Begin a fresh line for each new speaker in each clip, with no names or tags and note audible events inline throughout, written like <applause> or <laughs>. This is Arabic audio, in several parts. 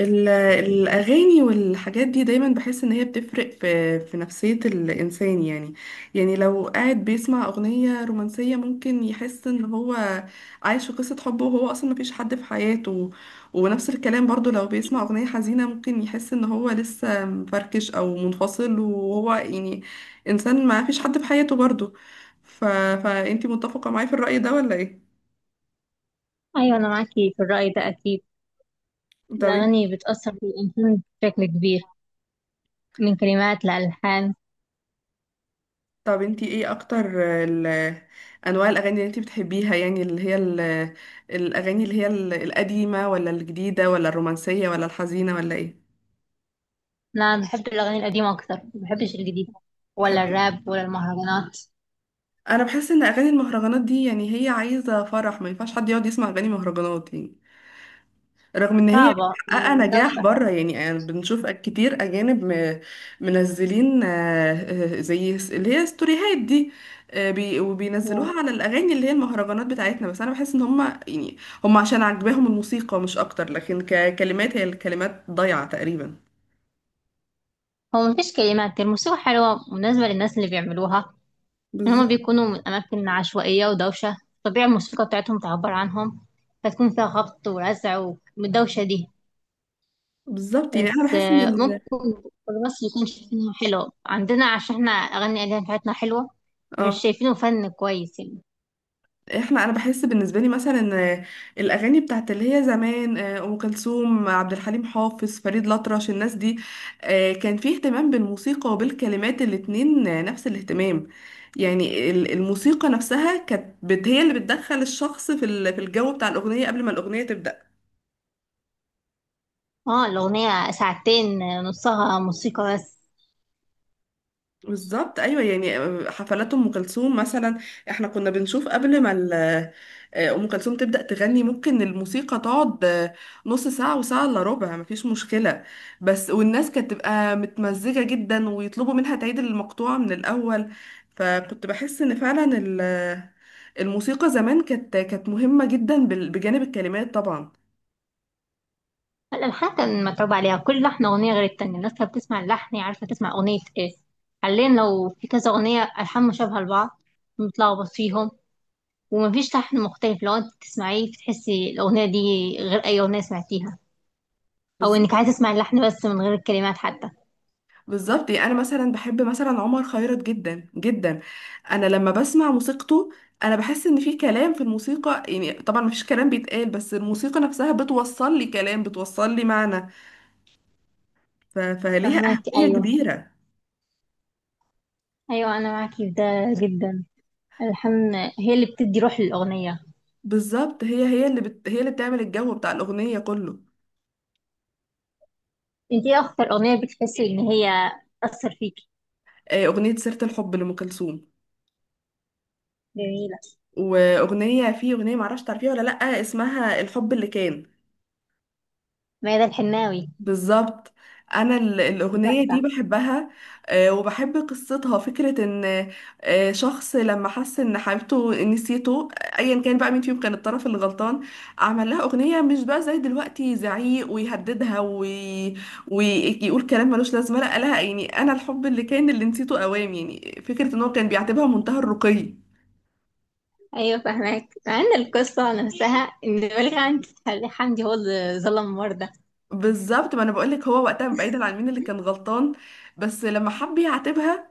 الأغاني والحاجات دي دايما بحس إن هي بتفرق في نفسية الإنسان يعني لو قاعد بيسمع أغنية رومانسية ممكن يحس إن هو عايش في قصة حب وهو أصلا مفيش حد في حياته. ونفس الكلام برضو لو بيسمع أغنية حزينة ممكن يحس إن هو لسه مفركش أو منفصل وهو يعني إنسان ما فيش حد في حياته برضو. فأنتي متفقة معايا في الرأي ده ولا إيه؟
أيوة، أنا معاكي في الرأي ده أكيد.
طب.
الأغاني بتأثر في الإنسان بشكل كبير من كلمات لألحان.
انتي ايه اكتر ال- انواع الاغاني اللي انتي بتحبيها؟ يعني اللي هي الاغاني اللي هي القديمه ولا الجديده ولا الرومانسيه ولا الحزينه ولا ايه؟
أنا بحب الأغاني القديمة أكتر، ما بحبش الجديدة ولا
بتحبي.
الراب ولا المهرجانات.
انا بحس ان اغاني المهرجانات دي يعني هي عايزه فرح، ما ينفعش حد يقعد يسمع اغاني مهرجانات يعني. رغم ان هي
صعبة
محققه نجاح
ودوشة.
بره يعني، أنا بنشوف كتير اجانب منزلين، زي اللي هي ستوريهات دي، وبينزلوها على الاغاني اللي هي المهرجانات بتاعتنا. بس انا بحس ان هم يعني عشان عجباهم الموسيقى مش اكتر، لكن ككلمات هي الكلمات ضايعه تقريبا.
هو مفيش كلمات، الموسيقى حلوة مناسبة للناس اللي بيعملوها. إن هما
بالظبط.
بيكونوا من أماكن عشوائية ودوشة، طبيعي الموسيقى بتاعتهم تعبر عنهم فتكون فيها خبط ورزع والدوشة دي.
بالظبط يعني انا
بس
بحس ان ال...
ممكن مصر يكون شايفينها حلوة عندنا عشان احنا أغاني، الأغاني بتاعتنا حلوة، مش
اه
شايفينه فن كويس يعني.
احنا. انا بحس بالنسبه لي مثلا ان الاغاني بتاعت اللي هي زمان، ام كلثوم، عبد الحليم حافظ، فريد الأطرش، الناس دي، كان في اهتمام بالموسيقى وبالكلمات الاتنين، نفس الاهتمام. يعني الموسيقى نفسها كانت هي اللي بتدخل الشخص في في الجو بتاع الاغنيه قبل ما الاغنيه تبدا.
اه، الأغنية ساعتين، نصها موسيقى بس.
بالظبط ايوه يعني. حفلات ام كلثوم مثلا، احنا كنا بنشوف قبل ما ام كلثوم تبدا تغني ممكن الموسيقى تقعد نص ساعه وساعه الا ربع مفيش مشكله. بس والناس كانت تبقى متمزجه جدا ويطلبوا منها تعيد المقطوعه من الاول. فكنت بحس ان فعلا الموسيقى زمان كانت مهمه جدا بجانب الكلمات طبعا.
الألحان كان متعوب عليها، كل لحن أغنية غير التانية، الناس كانت بتسمع اللحن هي عارفة تسمع أغنية ايه. حاليا لو في كذا أغنية ألحان مشابهة لبعض بنتلخبط فيهم، ومفيش لحن مختلف. لو انت تسمعيه بتحسي الأغنية دي غير أي أغنية سمعتيها، أو إنك عايزة تسمع اللحن بس من غير الكلمات حتى.
بالظبط يعني انا مثلا بحب مثلا عمر خيرت جدا جدا. انا لما بسمع موسيقته، انا بحس ان في كلام في الموسيقى، يعني طبعا مفيش كلام بيتقال بس الموسيقى نفسها بتوصل لي كلام، بتوصل لي معنى. فليها
فهماك،
اهمية
أيوه.
كبيرة.
ايوه انا معاكي في ده جدا. الحن هي اللي بتدي روح للاغنيه.
بالظبط. هي اللي بت... هي اللي بتعمل الجو بتاع الاغنية كله.
انت ايه اكتر اغنيه بتحسي ان هي اثر فيكي؟
اغنية سيرة الحب لأم كلثوم،
جميله.
واغنية، في اغنية معرفش تعرفيها ولا لأ، اسمها الحب اللي كان.
ميادة الحناوي.
بالظبط. انا
دي
الاغنيه
تحفه.
دي بحبها. وبحب قصتها، فكره ان شخص لما حس ان حبيبته نسيته، ايا كان بقى مين فيهم كان الطرف اللي غلطان، عمل لها اغنيه. مش بقى زي دلوقتي زعيق ويهددها ويقول كلام ملوش لازمه لا لها. يعني انا الحب اللي كان اللي نسيته اوام، يعني فكره ان هو كان بيعتبرها منتهى الرقي.
ايوه فاهماك، مع ان القصه نفسها ان بلغ عندي حمدي هو اللي ظلم مرده.
بالظبط. ما انا بقولك، هو وقتها بعيدا عن مين اللي كان غلطان، بس لما حب يعاتبها،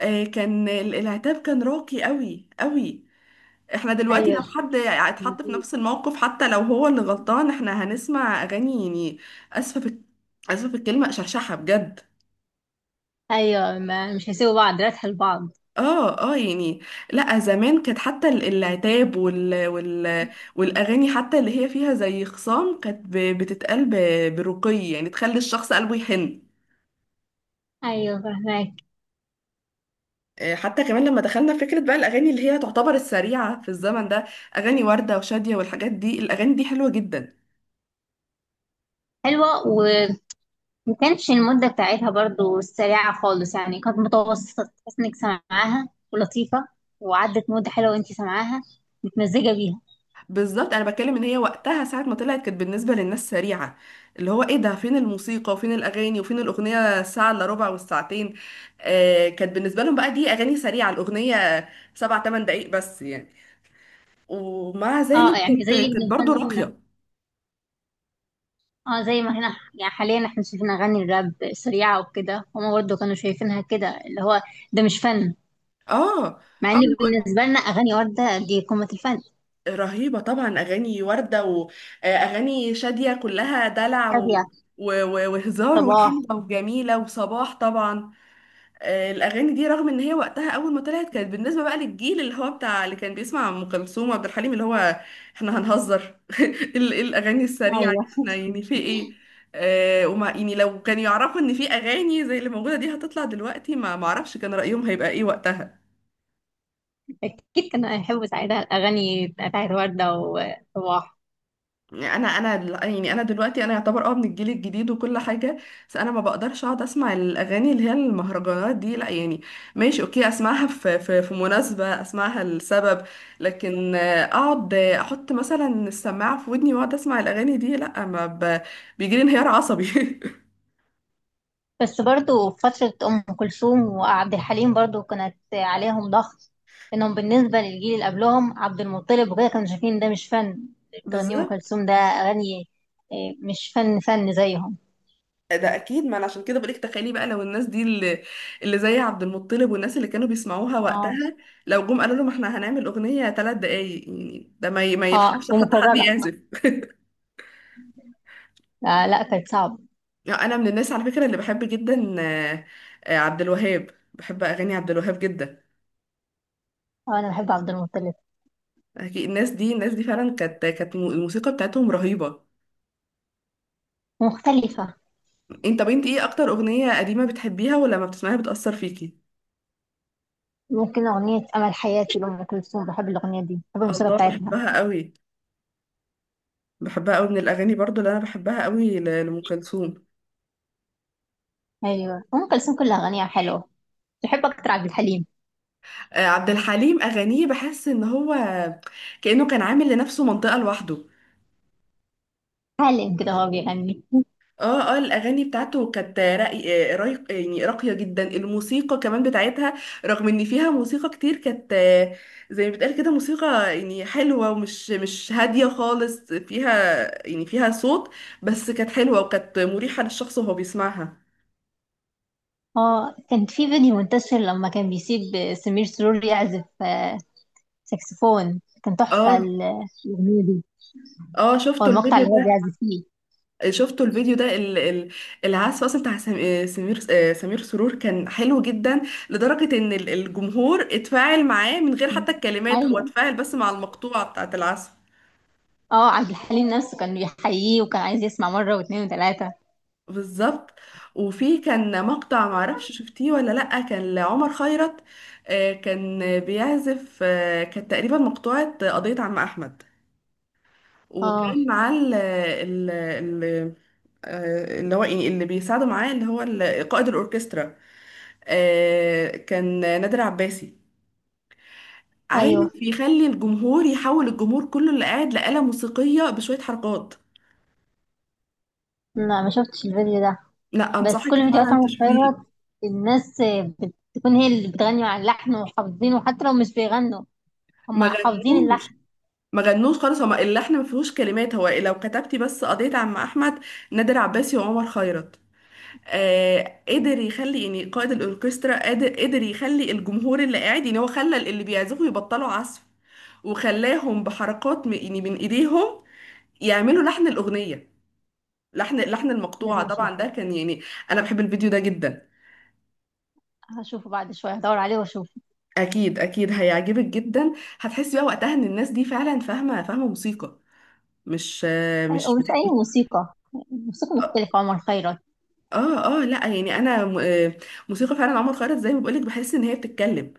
آه، كان ال- العتاب كان راقي قوي قوي. احنا دلوقتي لو
ايوه،
حد اتحط في نفس الموقف حتى لو هو اللي غلطان احنا هنسمع اغاني يعني، اسفه في اسفه في الكلمه، شرشحه بجد.
ايوه، ما مش هيسيبوا بعض راتها لبعض.
اه اه يعني. لا زمان كانت حتى العتاب والاغاني حتى اللي هي فيها زي خصام كانت بتتقال برقي، يعني تخلي الشخص قلبه يحن.
ايوه فاهماك.
حتى كمان لما دخلنا في فكرة بقى الأغاني اللي هي تعتبر السريعة في الزمن ده، أغاني وردة وشادية والحاجات دي، الأغاني دي حلوة جدا.
حلوه. ما كانتش المدة بتاعتها برضو سريعة خالص يعني، كانت متوسطة، تحس انك سامعاها ولطيفة، وعدت مدة حلوة وانت سامعاها متمزجة بيها.
بالظبط. انا بتكلم ان هي وقتها ساعه ما طلعت كانت بالنسبه للناس سريعه، اللي هو ايه ده، فين الموسيقى وفين الاغاني وفين الاغنيه الساعه الا ربع والساعتين. آه، كانت بالنسبه لهم بقى دي اغاني سريعه. الاغنيه 7 8 دقائق بس يعني. ومع
اه،
ذلك
يعني زي
كانت
اللي
برضه
بنغني هنا.
راقيه.
اه، زي ما هنا يعني، حاليا احنا شايفين اغاني الراب سريعة وكده، هما برضو كانوا شايفينها كده، اللي هو ده مش فن،
اه اه.
مع ان
أنا بقول لك،
بالنسبة لنا اغاني وردة دي قمة الفن.
رهيبه طبعا اغاني ورده، واغاني شاديه كلها دلع
هادية.
وهزار
صباح.
وحلوه وجميله، وصباح طبعا. الاغاني دي رغم ان هي وقتها اول ما طلعت كانت بالنسبه بقى للجيل اللي هو بتاع اللي كان بيسمع ام كلثوم وعبد الحليم، اللي هو احنا هنهزر <laughs> الاغاني السريعه دي
ايوه،
احنا يعني في ايه. وما يعني لو كانوا يعرفوا ان في اغاني زي اللي موجوده دي هتطلع دلوقتي، ما معرفش كان رايهم هيبقى ايه وقتها.
اكيد كانوا هيحبوا ساعتها الاغاني بتاعت وردة وصباح.
انا يعني انا دلوقتي انا يعتبر من الجيل الجديد وكل حاجه، بس انا ما بقدرش اقعد اسمع الاغاني اللي هي المهرجانات دي لا يعني. ماشي، اوكي اسمعها في مناسبه، اسمعها لسبب، لكن اقعد احط مثلا السماعه في ودني واقعد اسمع الاغاني دي، لا، ما بيجيلي انهيار عصبي.
بس برضو في فترة أم كلثوم وعبد الحليم برضو كانت عليهم ضغط، إنهم بالنسبة للجيل اللي قبلهم عبد المطلب وكده كانوا شايفين ده مش فن.
<laughs>
بتغني أم
بالظبط.
كلثوم؟ ده أغاني؟ إيه، مش فن فن زيهم.
ده اكيد ما انا عشان كده بقولك، تخيلي بقى لو الناس دي اللي زي عبد المطلب والناس اللي كانوا بيسمعوها
اه،
وقتها لو جم قالوا لهم احنا هنعمل اغنيه 3 دقايق يعني ده ما
اه،
يلحقش حتى حد
ومكررة.
يعزف.
آه لا، كانت صعبة.
يعني انا من الناس على فكره اللي بحب جدا، عبد الوهاب، بحب اغاني عبد الوهاب جدا.
آه أنا بحب عبد المطلب.
أكيد الناس دي فعلا كانت الموسيقى بتاعتهم رهيبه.
مختلفة.
طب انت ايه اكتر اغنيه قديمه بتحبيها ولما بتسمعيها بتاثر فيكي؟
ممكن أغنية أمل حياتي لأم كلثوم، بحب الأغنية دي، بحب الموسيقى
الله،
بتاعتها.
بحبها قوي. بحبها قوي من الاغاني برضو اللي انا بحبها قوي لام كلثوم.
أيوة، أم كلثوم كلها أغانيها حلوة، بحب أكتر عبد الحليم.
عبد الحليم اغانيه بحس ان هو كانه كان عامل لنفسه منطقه لوحده.
عالم كده هو بيغني.
اه اه. الاغاني بتاعته كانت راقي، رايق يعني، راقيه جدا الموسيقى كمان بتاعتها، رغم ان فيها موسيقى كتير. كانت زي ما بتقال كده، موسيقى يعني حلوه، ومش مش هاديه خالص، فيها يعني فيها صوت، بس كانت حلوه وكانت مريحه للشخص وهو بيسمعها.
اه، كان في فيديو منتشر لما كان بيسيب سمير سرور يعزف ساكسفون، كان تحفة
اه
ال- الأغنية دي.
اه،
هو
شفتوا
المقطع
الفيديو
اللي هو
ده؟
بيعزف فيه.
شفتوا الفيديو ده ال- ال- العزف اصلا بتاع سمير سرور كان حلو جدا، لدرجة ان الجمهور اتفاعل معاه من غير حتى الكلمات، هو
أيوة.
اتفاعل بس مع المقطوعة بتاعة العزف.
اه عبد الحليم نفسه كان بيحييه وكان عايز يسمع مرة واتنين وتلاتة.
بالظبط. وفي كان مقطع معرفش شفتيه ولا لأ، كان لعمر خيرت، كان بيعزف، كانت تقريبا مقطوعة قضية عم أحمد،
اه.
وكان معاه اللي هو يعني اللي بيساعده معاه اللي هو قائد الأوركسترا، كان نادر عباسي.
أيوة.
عارف يخلي الجمهور، يحول الجمهور كله اللي قاعد لآلة موسيقية بشوية حركات.
لا ما شفتش الفيديو ده.
لا،
بس
انصحك
كل فيديوهات
فعلا
عمرو
تشوفيه.
خيرت، الناس بتكون هي اللي بتغني على اللحن وحافظينه حتى لو مش بيغنوا،
ما
هما حافظين
غنوش
اللحن.
ما غنوش خالص، هما اللحن ما فيهوش كلمات. هو لو كتبتي بس قضية عم احمد نادر عباسي وعمر خيرت، قدر يخلي يعني، قائد الاوركسترا قادر قدر يخلي الجمهور اللي قاعد، يعني هو خلى اللي بيعزفوا يبطلوا عزف، وخلاهم بحركات يعني من ايديهم يعملوا لحن الاغنية، لحن، لحن المقطوعة
لازم
طبعا، ده
أشوفه.
كان يعني انا بحب الفيديو ده جدا.
هشوفه بعد شوية، هدور عليه وأشوفه.
اكيد اكيد هيعجبك جدا. هتحسي بقى وقتها ان الناس دي فعلا فاهمة، فاهمة موسيقى، مش
أيوة،
مش
ومش
بتك...
أي موسيقى. موسيقى
اه
مختلفة، عمر خيرت.
اه، لا يعني انا م- آه، موسيقى فعلا. عمر خيرت زي ما بقولك بحس ان هي بتتكلم.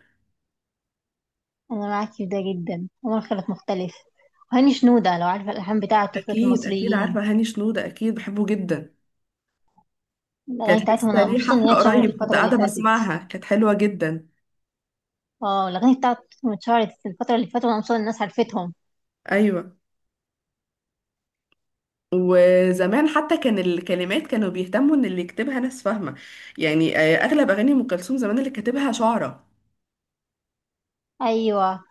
أنا معاك في ده جدا، عمر خيرت مختلف، وهاني شنودة لو عارفة الألحان بتاعة طفلة
اكيد اكيد
المصريين.
عارفة هاني شنودة، اكيد بحبه جدا.
الأغاني
كانت
بتاعتهم
لسه
أنا
ليه
مبسوطة إن هي
حفلة
اتشهرت
قريب، كنت
الفترة اللي
قاعدة
فاتت.
بسمعها كانت حلوة جدا.
اه، الأغاني بتاعتهم اتشهرت في الفترة اللي فاتت وأنا مبسوطة إن الناس عرفتهم.
ايوه. وزمان حتى كان الكلمات كانوا بيهتموا ان اللي يكتبها ناس فاهمة، يعني اغلب اغاني ام كلثوم زمان اللي كاتبها شعراء،
أيوة.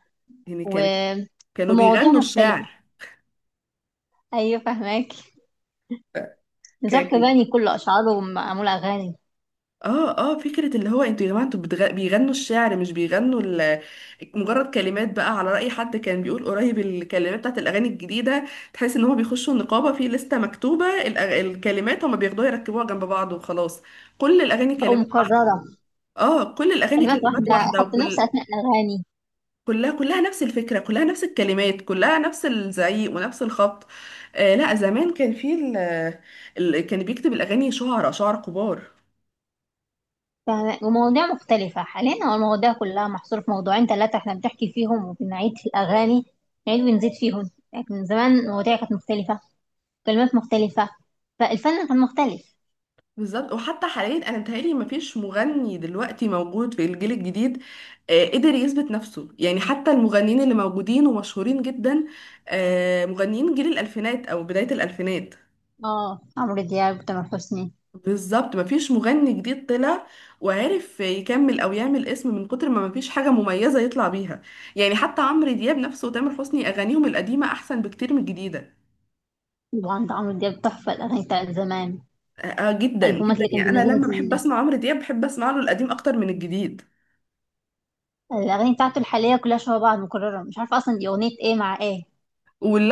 يعني
و...
كانوا
ومواضيع
بيغنوا
مختلفة.
الشعر.
أيوة فهماك.
ف-
نزار
ك-
قباني كل أشعاره معمولة أغاني.
اه اه، فكرة اللي هو انتوا يا جماعة انتوا بيغنوا الشعر، مش بيغنوا مجرد كلمات بقى، على رأي حد كان بيقول قريب، الكلمات بتاعت الأغاني الجديدة تحس ان هما بيخشوا النقابة في لستة مكتوبة الكلمات هما بياخدوها يركبوها جنب بعض وخلاص. كل الأغاني
أو
كلمات واحدة.
مكررة.
اه، كل الأغاني
كلمات
كلمات
واحدة،
واحدة
حط نفس
وكل
أثناء الأغاني.
كلها كلها نفس الفكرة، كلها نفس الكلمات، كلها نفس الزعيق ونفس الخبط. آه لا، زمان كان في ال ال- كان بيكتب الأغاني شعراء، شعراء كبار.
تمام، ومواضيع مختلفة. حاليا هو المواضيع كلها محصورة في موضوعين ثلاثة احنا بنحكي فيهم وبنعيد في الأغاني، نعيد ونزيد فيهم. لكن زمان المواضيع كانت مختلفة، كلمات مختلفة، فالفن كان مختلف.
بالظبط. وحتى حاليا أنا متهيألي مفيش مغني دلوقتي موجود في الجيل الجديد قدر يثبت نفسه، يعني حتى المغنيين اللي موجودين ومشهورين جدا مغنيين جيل الألفينات أو بداية الألفينات.
اه، عمرو دياب، تامر حسني.
بالظبط. مفيش مغني جديد طلع وعرف يكمل او يعمل اسم، من كتر ما مفيش حاجه مميزه يطلع بيها. يعني حتى عمرو دياب نفسه وتامر حسني اغانيهم القديمه احسن بكتير من الجديده.
طبعا ده عمرو دياب تحفة، الأغاني بتاعت زمان،
آه، جدا
الألبومات
جدا
اللي كان
يعني، انا
بينزلها
لما بحب
زمان.
اسمع عمرو دياب بحب اسمع له القديم اكتر من الجديد.
الأغاني بتاعته الحالية كلها شبه بعض مكررة، مش عارفة أصلا دي أغنية ايه مع ايه،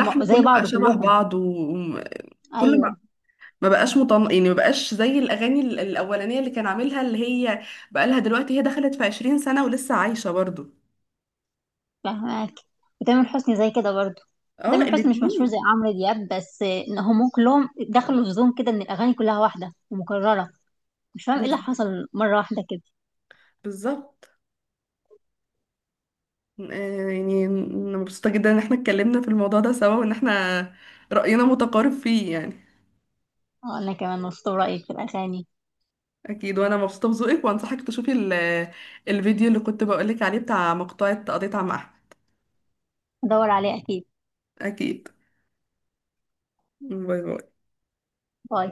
هما زي
كله بقى
بعض
شبه
كلهم.
بعض، وكله
أيوة
ما بقاش مطن، يعني ما بقاش زي الاغاني الاولانيه اللي كان عاملها، اللي هي بقى لها دلوقتي، هي دخلت في 20 سنه ولسه عايشه برضو.
فاهمك. وتامر حسني زي كده برضو.
اه،
تامر حسني مش مشهور زي
الاتنين.
عمرو دياب، بس ان هم كلهم دخلوا في زون كده ان الاغاني كلها واحده ومكرره. مش فاهم ايه اللي
بز-
حصل مره واحده كده.
بالظبط. يعني أنا مبسوطة جدا إن احنا اتكلمنا في الموضوع ده سوا، وإن احنا رأينا متقارب فيه يعني.
انا كمان مبسوطه برايك في الاغاني.
أكيد. وأنا مبسوطة بذوقك، وأنصحك تشوفي الفيديو اللي كنت بقولك عليه بتاع مقطوعة قضيت عم أحمد.
ادور عليه اكيد.
أكيد. باي باي.
باي.